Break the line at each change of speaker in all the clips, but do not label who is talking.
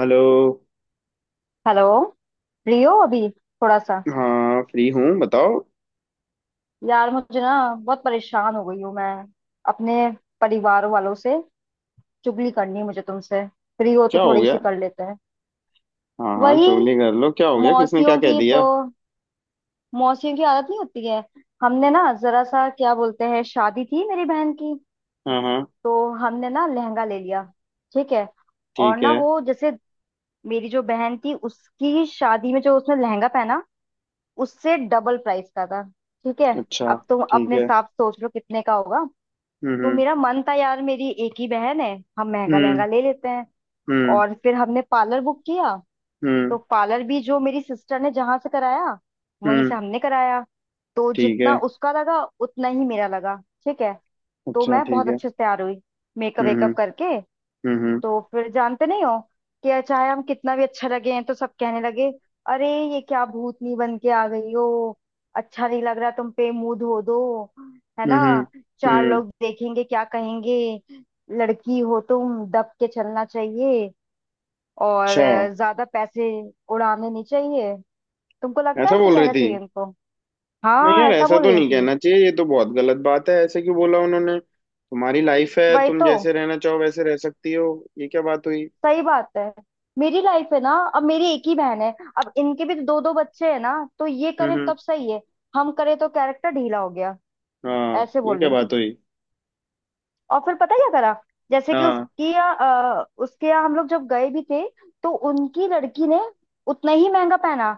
Hello.
Hello. Free हो अभी थोड़ा सा?
हाँ, फ्री हूँ, बताओ।
यार मुझे ना बहुत परेशान हो गई हूँ मैं। अपने परिवार वालों से चुगली करनी है मुझे तुमसे। फ्री हो तो
क्या हो
थोड़ी
गया।
सी कर लेते हैं।
हाँ हाँ,
वही
चुगली कर लो, क्या हो गया, किसने क्या
मौसियों
कह
की तो,
दिया।
मौसियों की आदत नहीं होती है। हमने ना जरा सा, क्या बोलते हैं, शादी थी मेरी बहन की।
हाँ हाँ,
तो हमने ना लहंगा ले लिया, ठीक है। और
ठीक
ना
है।
वो जैसे, मेरी जो बहन थी उसकी शादी में जो उसने लहंगा पहना, उससे डबल प्राइस का था। ठीक है,
अच्छा,
अब तुम
ठीक
अपने
है।
हिसाब से सोच लो कितने का होगा। तो
हम्म।
मेरा मन था यार, मेरी एक ही बहन है, हम महंगा
हम्म।
लहंगा ले लेते हैं।
हम्म।
और फिर हमने पार्लर बुक किया।
हम्म। हम्म।
तो पार्लर भी जो मेरी सिस्टर ने जहां से कराया वहीं से
हम्म,
हमने कराया। तो
ठीक
जितना
है।
उसका लगा उतना ही मेरा लगा, ठीक है। तो
अच्छा,
मैं
ठीक
बहुत
है।
अच्छे से तैयार हुई, मेकअप
हम्म।
वेकअप करके।
हम्म। हम्म।
तो फिर जानते नहीं हो कि चाहे हम कितना भी अच्छा लगे हैं, तो सब कहने लगे, अरे ये क्या भूतनी बन के आ गई हो, अच्छा नहीं लग रहा तुम पे, मुंह धो दो, है
हम्म।
ना।
हम्म।
चार
हम्म,
लोग देखेंगे क्या कहेंगे, लड़की हो तुम, दब के चलना चाहिए। और
अच्छा।
ज्यादा पैसे उड़ाने नहीं चाहिए। तुमको लगता है
ऐसा
ऐसे
बोल रही
कहना
थी।
चाहिए उनको?
नहीं
हाँ,
यार,
ऐसा
ऐसा
बोल
तो
रही
नहीं
थी।
कहना चाहिए, ये तो बहुत गलत बात है, ऐसे क्यों बोला उन्होंने। तुम्हारी लाइफ है,
वही
तुम
तो,
जैसे रहना चाहो वैसे रह सकती हो। ये क्या बात हुई।
सही बात है। मेरी लाइफ है ना, अब मेरी एक ही बहन है। अब इनके भी दो दो बच्चे हैं ना, तो ये करें
हम्म।
तब सही है, हम करें तो कैरेक्टर ढीला हो गया।
हाँ,
ऐसे
ये
बोल
क्या
रही
बात
थी।
हुई।
और फिर पता है क्या करा? जैसे कि
हाँ।
उसकी यहाँ, उसके यहाँ हम लोग जब गए भी थे, तो उनकी लड़की ने उतना ही महंगा पहना,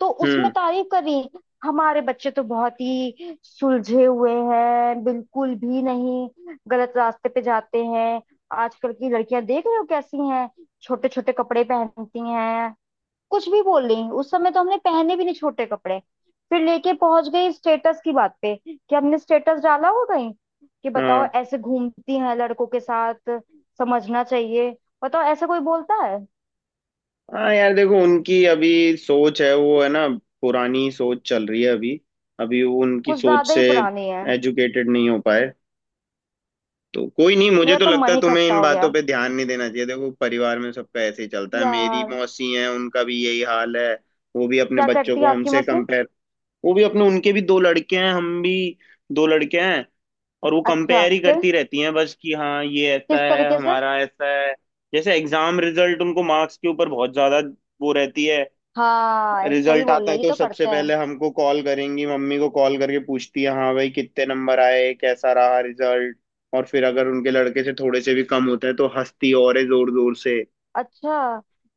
तो उसमें
हम्म।
तारीफ कर रही। हमारे बच्चे तो बहुत ही सुलझे हुए हैं, बिल्कुल भी नहीं गलत रास्ते पे जाते हैं। आजकल की लड़कियां देख रहे हो कैसी हैं, छोटे छोटे कपड़े पहनती हैं। कुछ भी बोल रही। उस समय तो हमने पहने भी नहीं छोटे कपड़े। फिर लेके पहुंच गई स्टेटस की बात पे, कि हमने स्टेटस डाला हो कहीं, कि बताओ
हाँ।
ऐसे घूमती हैं लड़कों के साथ। समझना चाहिए। बताओ ऐसा कोई बोलता है?
हाँ यार, देखो उनकी अभी सोच है, वो है ना, पुरानी सोच चल रही है अभी। अभी वो उनकी
कुछ
सोच
ज्यादा
से
ही पुरानी है।
एजुकेटेड नहीं हो पाए। तो कोई नहीं, मुझे
मेरा
तो
तो
लगता
मन
है
ही
तुम्हें
खट्टा
इन
हो
बातों
गया
पे ध्यान नहीं देना चाहिए। देखो परिवार में सबका ऐसे ही चलता है, मेरी
यार।
मौसी हैं, उनका भी यही हाल है। वो भी अपने
क्या
बच्चों
करती है
को
आपकी
हमसे
मशीन?
कंपेयर, वो भी अपने उनके भी दो लड़के हैं, हम भी दो लड़के हैं। और वो
अच्छा
कंपेयर ही
फिर
करती रहती हैं, बस कि हाँ ये ऐसा
किस
है,
तरीके से?
हमारा ऐसा है। जैसे एग्जाम रिजल्ट, उनको मार्क्स के ऊपर बहुत ज्यादा वो रहती है।
हाँ, सही
रिजल्ट
बोल
आता
रहे
है
हो, ये
तो
तो
सबसे
करते हैं।
पहले हमको कॉल करेंगी, मम्मी को कॉल करके पूछती है, हाँ भाई कितने नंबर आए, कैसा रहा रिजल्ट। और फिर अगर उनके लड़के से थोड़े से भी कम होता है तो हंसती और है जोर जोर से।
अच्छा,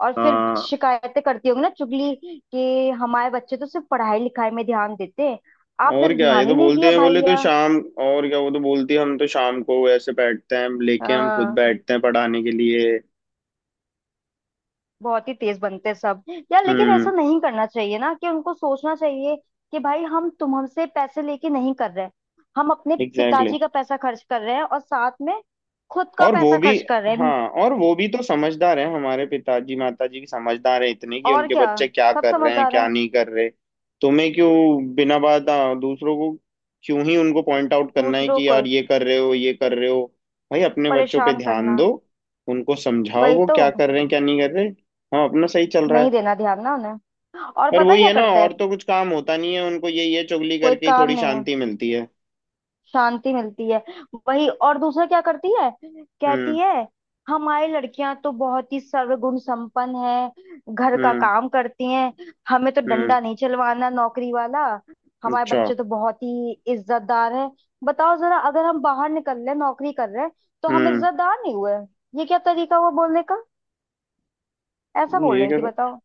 और फिर
हाँ।
शिकायतें करती होंगी ना, चुगली कि हमारे बच्चे तो सिर्फ पढ़ाई लिखाई में ध्यान देते हैं, आपने
और
तो
क्या, ये
ध्यान ही
तो
नहीं
बोलते
दिया
हैं, बोले तो
भैया।
शाम। और क्या, वो तो बोलती है हम तो शाम को ऐसे बैठते हैं लेके, हम खुद
हाँ,
बैठते हैं पढ़ाने के लिए।
बहुत ही तेज बनते हैं सब। यार लेकिन
हम्म।
ऐसा नहीं करना चाहिए ना, कि उनको सोचना चाहिए कि भाई हम तुम हमसे पैसे लेके नहीं कर रहे, हम अपने
एग्जैक्टली।
पिताजी का पैसा खर्च कर रहे हैं और साथ में खुद का
और वो
पैसा
भी
खर्च कर रहे हैं।
हाँ, और वो भी तो समझदार है, हमारे पिताजी माताजी समझदार है इतने कि
और
उनके
क्या,
बच्चे क्या
सब
कर रहे हैं
समझदार
क्या
हैं।
नहीं कर रहे। तुम्हें क्यों बिना बात दूसरों को क्यों ही उनको पॉइंट आउट करना है
दूसरों
कि
को
यार ये कर रहे हो ये कर रहे हो। भाई अपने बच्चों पे
परेशान
ध्यान
करना,
दो, उनको समझाओ
वही
वो
तो।
क्या कर रहे हैं क्या नहीं कर रहे। हाँ अपना सही चल रहा
नहीं
है।
देना ध्यान ना उन्हें। और
पर
पता है
वही
क्या
है ना,
करते
और
हैं?
तो कुछ काम होता नहीं है उनको, ये चुगली
कोई
करके ही
काम
थोड़ी
नहीं है,
शांति मिलती है।
शांति मिलती है। वही, और दूसरा क्या करती है, कहती
हम्म।
है हमारी लड़कियां तो बहुत ही सर्वगुण संपन्न है, घर का
हम्म।
काम करती हैं, हमें तो
हम्म।
डंडा नहीं चलवाना नौकरी वाला, हमारे
अच्छा।
बच्चे तो बहुत ही इज्जतदार है। बताओ जरा, अगर हम बाहर निकल रहे हैं नौकरी कर रहे हैं तो हम
हम्म।
इज्जतदार नहीं हुए? ये क्या तरीका हुआ बोलने का? ऐसा बोल
ये
रही थी,
कर।
बताओ।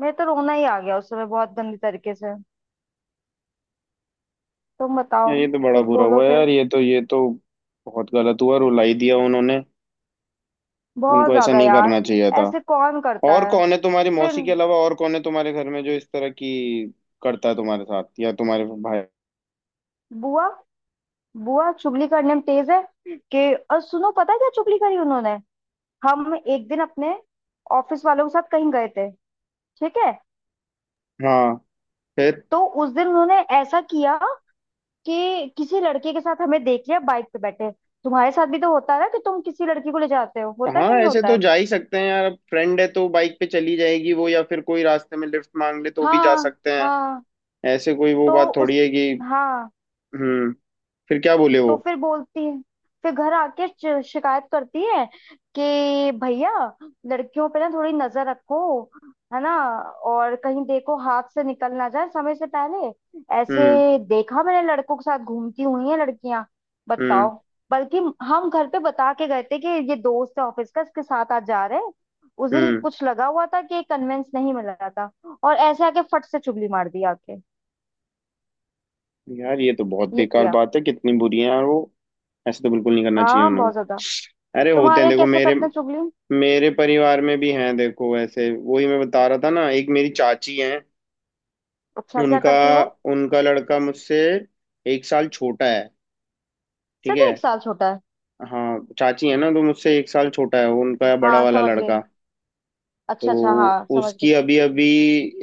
मेरे तो रोना ही आ गया उस समय, बहुत गंदी तरीके से। तुम बताओ,
यार ये तो बड़ा
कुछ
बुरा
बोलो
हुआ
फिर।
यार, ये तो, ये तो बहुत गलत हुआ, रुलाई दिया उन्होंने।
बहुत
उनको ऐसा
ज्यादा
नहीं
यार।
करना चाहिए था।
ऐसे कौन करता
और
है?
कौन है तुम्हारी
फिर
मौसी के अलावा, और कौन है तुम्हारे घर में जो इस तरह की करता है तुम्हारे साथ या तुम्हारे भाई।
बुआ, बुआ चुगली करने में तेज है कि। और सुनो, पता है क्या चुगली करी उन्होंने। हम एक दिन अपने ऑफिस वालों के साथ कहीं गए थे, ठीक है।
हाँ। फिर।
तो उस दिन उन्होंने ऐसा किया कि किसी लड़के के साथ हमें देख लिया बाइक पे बैठे। तुम्हारे साथ भी तो होता है ना, कि तुम किसी लड़की को ले जाते हो, होता है
हाँ
कि नहीं
ऐसे
होता
तो
है?
जा ही सकते हैं यार, अब फ्रेंड है तो बाइक पे चली जाएगी वो, या फिर कोई रास्ते में लिफ्ट मांग ले तो भी जा
हाँ,
सकते हैं।
हाँ।
ऐसे कोई वो
तो
बात
उस,
थोड़ी है कि।
हाँ,
हम्म। फिर क्या बोले वो।
तो फिर बोलती है। फिर घर आके शिकायत करती है कि भैया, लड़कियों पे ना थोड़ी नजर रखो, है ना, और कहीं देखो हाथ से निकल ना जाए समय से पहले।
हम्म
ऐसे। देखा मैंने लड़कों के साथ घूमती हुई है लड़कियां,
हम्म।
बताओ। बल्कि हम घर पे बता के गए थे कि ये दोस्त है ऑफिस का, इसके साथ आज जा रहे हैं, उस दिन
हम्म।
कुछ लगा हुआ था कि कन्वेंस नहीं मिला था। और ऐसे आके फट से चुगली मार दी आके।
यार ये तो बहुत
ये
बेकार
किया।
बात है, कितनी बुरी है यार वो। ऐसे तो बिल्कुल नहीं करना चाहिए
हाँ,
उन्हें।
बहुत ज्यादा।
अरे होते
तुम्हारे
हैं,
यहाँ
देखो
कैसे
मेरे
करते हैं चुगली?
मेरे परिवार में भी हैं, देखो ऐसे वही मैं बता रहा था ना, एक मेरी चाची हैं।
अच्छा, क्या
उनका
करती वो?
उनका लड़का मुझसे एक साल छोटा है, ठीक
सिर्फ
है।
एक साल छोटा है?
हाँ चाची है ना, तो मुझसे एक साल छोटा है वो, उनका बड़ा
हाँ
वाला
समझ गई,
लड़का।
अच्छा अच्छा
तो
हाँ समझ गई।
उसकी अभी अभी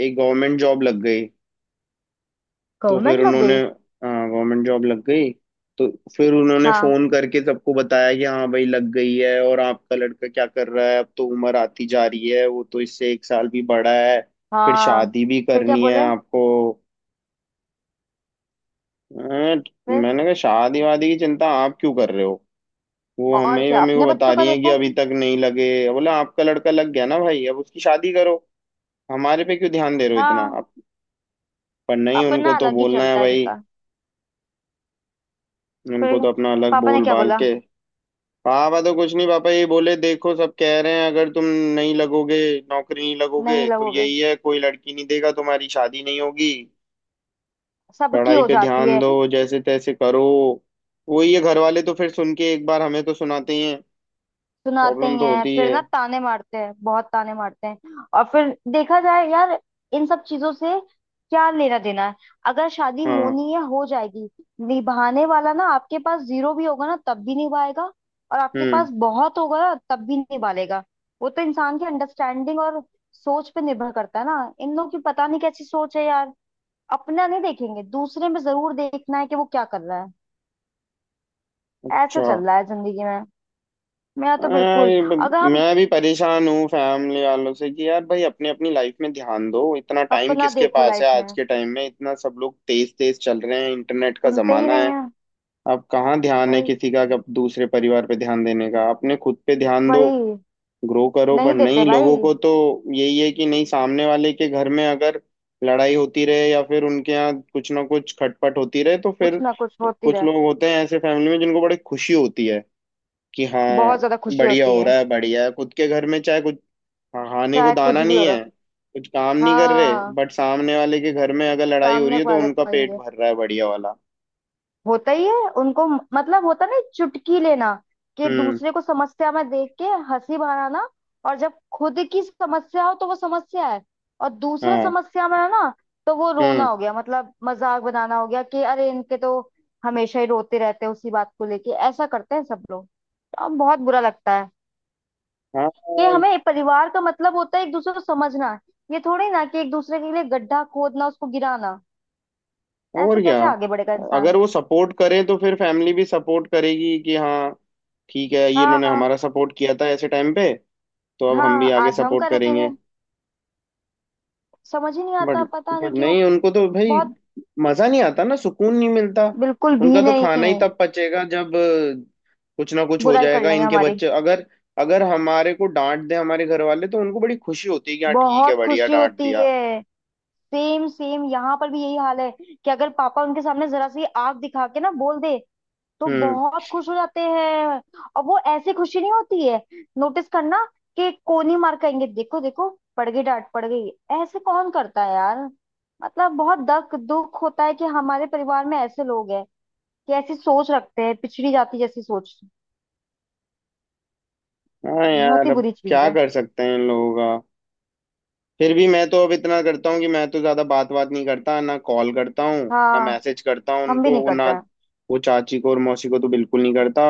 एक गवर्नमेंट जॉब लग गई। तो
गवर्नमेंट
फिर
लग गई।
उन्होंने गवर्नमेंट जॉब लग गई तो फिर उन्होंने
हाँ।
फोन करके सबको बताया कि हाँ भाई लग गई है, और आपका लड़का क्या कर रहा है, अब तो उम्र आती जा रही है, वो तो इससे एक साल भी बड़ा है, फिर
हाँ,
शादी भी
फिर क्या
करनी है
बोले
आपको। अं,
फिर?
मैंने कहा शादी वादी की चिंता आप क्यों कर रहे हो, वो
और
हमें ही
क्या,
मम्मी को
अपने
बता
बच्चों का
रही है कि
देखो।
अभी तक नहीं लगे। बोला आपका लड़का लग गया ना भाई, अब उसकी शादी करो, हमारे पे क्यों ध्यान दे रहे हो इतना
हाँ,
आप। पर नहीं, उनको
अपना
तो
अलग ही
बोलना है
चलता है
भाई,
इनका।
उनको
फिर
तो अपना अलग
पापा ने
बोल
क्या
बाल के।
बोला?
हाँ मैं तो कुछ नहीं, पापा ये बोले देखो सब कह रहे हैं अगर तुम नहीं लगोगे, नौकरी नहीं
नहीं
लगोगे तो
लगोगे?
यही है, कोई लड़की नहीं देगा, तुम्हारी शादी नहीं होगी,
सबकी
पढ़ाई
हो
पे
जाती
ध्यान
है।
दो जैसे तैसे करो। वही है, घर वाले तो फिर सुन के एक बार हमें तो सुनाते ही हैं।
सुनाते
प्रॉब्लम
ही
तो
हैं
होती ही
फिर
है।
ना, ताने मारते हैं, बहुत ताने मारते हैं। और फिर देखा जाए यार, इन सब चीजों से क्या लेना देना है? अगर शादी
हाँ।
होनी है हो जाएगी। निभाने वाला ना, आपके पास जीरो भी होगा ना तब भी निभाएगा, और आपके
हम्म।
पास बहुत होगा ना तब भी निभा लेगा। वो तो इंसान की अंडरस्टैंडिंग और सोच पे निर्भर करता है ना। इन लोगों की पता नहीं कैसी सोच है यार, अपना नहीं देखेंगे दूसरे में जरूर देखना है कि वो क्या कर रहा है। ऐसा
अच्छा।
चल रहा है जिंदगी में। मेरा तो
हाँ,
बिल्कुल। अगर हम
मैं भी परेशान हूँ फैमिली वालों से कि यार भाई अपनी अपनी लाइफ में ध्यान दो, इतना टाइम
अपना
किसके
देखो
पास है
लाइफ में,
आज के टाइम में, इतना सब लोग तेज तेज चल रहे हैं, इंटरनेट का
सुनते ही
जमाना
नहीं
है।
है।
अब कहाँ ध्यान है
भाई,
किसी का कब दूसरे परिवार पे ध्यान देने का, अपने खुद पे ध्यान
भाई,
दो, ग्रो करो। पर
नहीं देते
नहीं,
भाई।
लोगों को तो यही है कि नहीं, सामने वाले के घर में अगर लड़ाई होती रहे या फिर उनके यहाँ कुछ ना कुछ खटपट होती रहे तो
कुछ
फिर,
ना कुछ होती
कुछ
रहे,
लोग होते हैं ऐसे फैमिली में जिनको बड़ी खुशी होती है कि
बहुत
हाँ
ज्यादा खुशी
बढ़िया
होती
हो
है।
रहा है, बढ़िया है। खुद के घर में चाहे कुछ खाने को
चाहे कुछ
दाना
भी हो
नहीं
रहा।
है, कुछ काम नहीं कर रहे,
हाँ,
बट सामने वाले के घर में अगर लड़ाई हो रही
सामने
है
को
तो
वाले
उनका पेट
कहेंगे,
भर रहा है बढ़िया वाला।
होता ही है उनको, मतलब होता नहीं, चुटकी लेना कि
हम्म।
दूसरे को समस्या में देख के हंसी बनाना। और जब खुद की समस्या हो तो वो समस्या है, और दूसरा
हाँ।
समस्या में है ना तो वो रोना
हम्म।
हो गया, मतलब मजाक बनाना हो गया कि अरे इनके तो हमेशा ही रोते रहते हैं उसी बात को लेके। ऐसा करते हैं सब लोग, तो अब बहुत बुरा लगता है
हाँ
कि हमें, परिवार का मतलब होता है एक दूसरे को समझना, ये थोड़ी ना कि एक दूसरे के लिए गड्ढा खोदना, उसको गिराना। ऐसे
और क्या,
कैसे आगे बढ़ेगा
अगर
इंसान?
वो सपोर्ट करें तो फिर फैमिली भी सपोर्ट करेगी कि हाँ ठीक है, ये इन्होंने
हाँ।
हमारा सपोर्ट किया था ऐसे टाइम पे, तो अब हम भी
हाँ,
आगे
आज हम
सपोर्ट करेंगे।
करेंगे। समझ ही नहीं
बट
आता पता
बट
नहीं क्यों।
नहीं उनको तो भाई
बहुत।
मजा नहीं आता ना, सुकून नहीं मिलता।
बिल्कुल
उनका
भी
तो
नहीं।
खाना ही तब पचेगा जब कुछ ना कुछ हो
बुराई कर
जाएगा
लेंगे
इनके
हमारी।
बच्चे अगर, अगर हमारे को डांट दे हमारे घर वाले तो उनको बड़ी खुशी होती है कि हाँ ठीक है,
बहुत
बढ़िया
खुशी
डांट
होती
दिया।
है। सेम सेम, यहाँ पर भी यही हाल है कि अगर पापा उनके सामने जरा सी आग दिखा के ना बोल दे, तो
हम्म।
बहुत खुश हो जाते हैं। और वो ऐसी खुशी नहीं होती है, नोटिस करना, कि कोनी मार कहेंगे, देखो देखो पड़ गई डांट, पड़ गई। ऐसे कौन करता है यार? मतलब बहुत दख, दुख होता है कि हमारे परिवार में ऐसे लोग हैं कि ऐसी सोच रखते हैं, पिछड़ी जाति जैसी सोच।
हाँ
बहुत
यार
ही
अब
बुरी चीज
क्या
है।
कर सकते हैं इन लोगों का। फिर भी मैं तो अब इतना करता हूँ कि मैं तो ज्यादा बात बात नहीं करता, ना कॉल करता हूँ, ना
हाँ,
मैसेज करता हूँ
हम भी नहीं
उनको, ना
करते हैं।
वो चाची को और मौसी को तो बिल्कुल नहीं करता।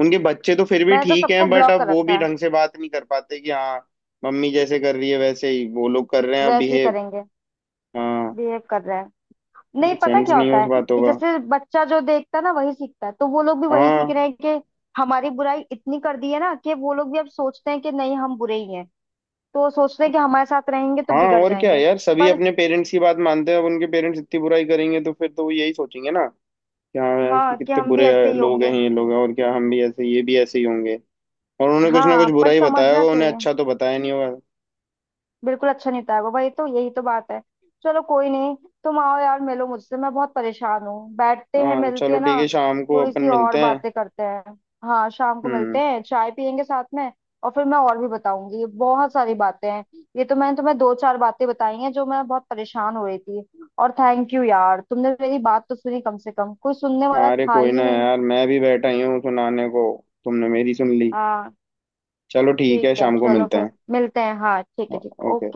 उनके बच्चे तो फिर भी
मैंने तो
ठीक
सबको
हैं बट
ब्लॉक
अब
कर
वो भी
रखा है।
ढंग से बात नहीं कर पाते कि हाँ मम्मी जैसे कर रही है वैसे ही वो लोग कर रहे हैं
वैसे ही
बिहेव।
करेंगे,
हाँ।
बिहेव कर रहे हैं। नहीं पता
सेंस
क्या
नहीं है
होता
उस
है
बातों
कि
का।
जैसे बच्चा जो देखता है ना वही सीखता है, तो वो लोग भी वही सीख
हाँ।
रहे हैं कि, हमारी बुराई इतनी कर दी है ना कि वो लोग भी अब सोचते हैं कि नहीं, हम बुरे ही हैं। तो वो सोचते हैं कि हमारे साथ रहेंगे तो
हाँ
बिगड़
और क्या
जाएंगे।
यार, सभी
पर,
अपने पेरेंट्स की बात मानते हैं, अब उनके पेरेंट्स इतनी बुराई करेंगे तो फिर तो वो यही सोचेंगे ना कि हाँ इसके
हाँ, कि
कितने
हम भी
बुरे
ऐसे ही
लोग हैं
होंगे।
ये लोग, और क्या, हम भी ऐसे, ये भी ऐसे ही होंगे। और उन्होंने कुछ ना
हाँ
कुछ बुरा
पर
ही बताया
समझना
होगा उन्हें,
चाहिए।
अच्छा तो बताया नहीं होगा।
बिल्कुल अच्छा नहीं होता है वो, वही तो, यही तो बात है। चलो कोई नहीं, तुम आओ यार, मिलो मुझसे, मैं बहुत परेशान हूँ, बैठते हैं
हाँ चलो
मिलके
ठीक
ना,
है, शाम को
थोड़ी
अपन
सी और
मिलते हैं।
बातें करते हैं। हाँ, शाम को मिलते
हम्म।
हैं, चाय पियेंगे साथ में। और फिर मैं और भी बताऊंगी, ये बहुत सारी बातें हैं। ये तो मैंने तुम्हें दो चार बातें बताई हैं, जो मैं बहुत परेशान हो रही थी। और थैंक यू यार, तुमने मेरी बात तो सुनी, कम से कम, कोई सुनने वाला
अरे
था
कोई ना
ही नहीं।
यार, मैं भी बैठा ही हूँ सुनाने को, तुमने मेरी सुन ली।
हाँ
चलो ठीक है
ठीक है,
शाम को
चलो
मिलते
फिर
हैं।
मिलते हैं, हाँ ठीक है,
ओ-
ठीक है,
ओके।
ओके।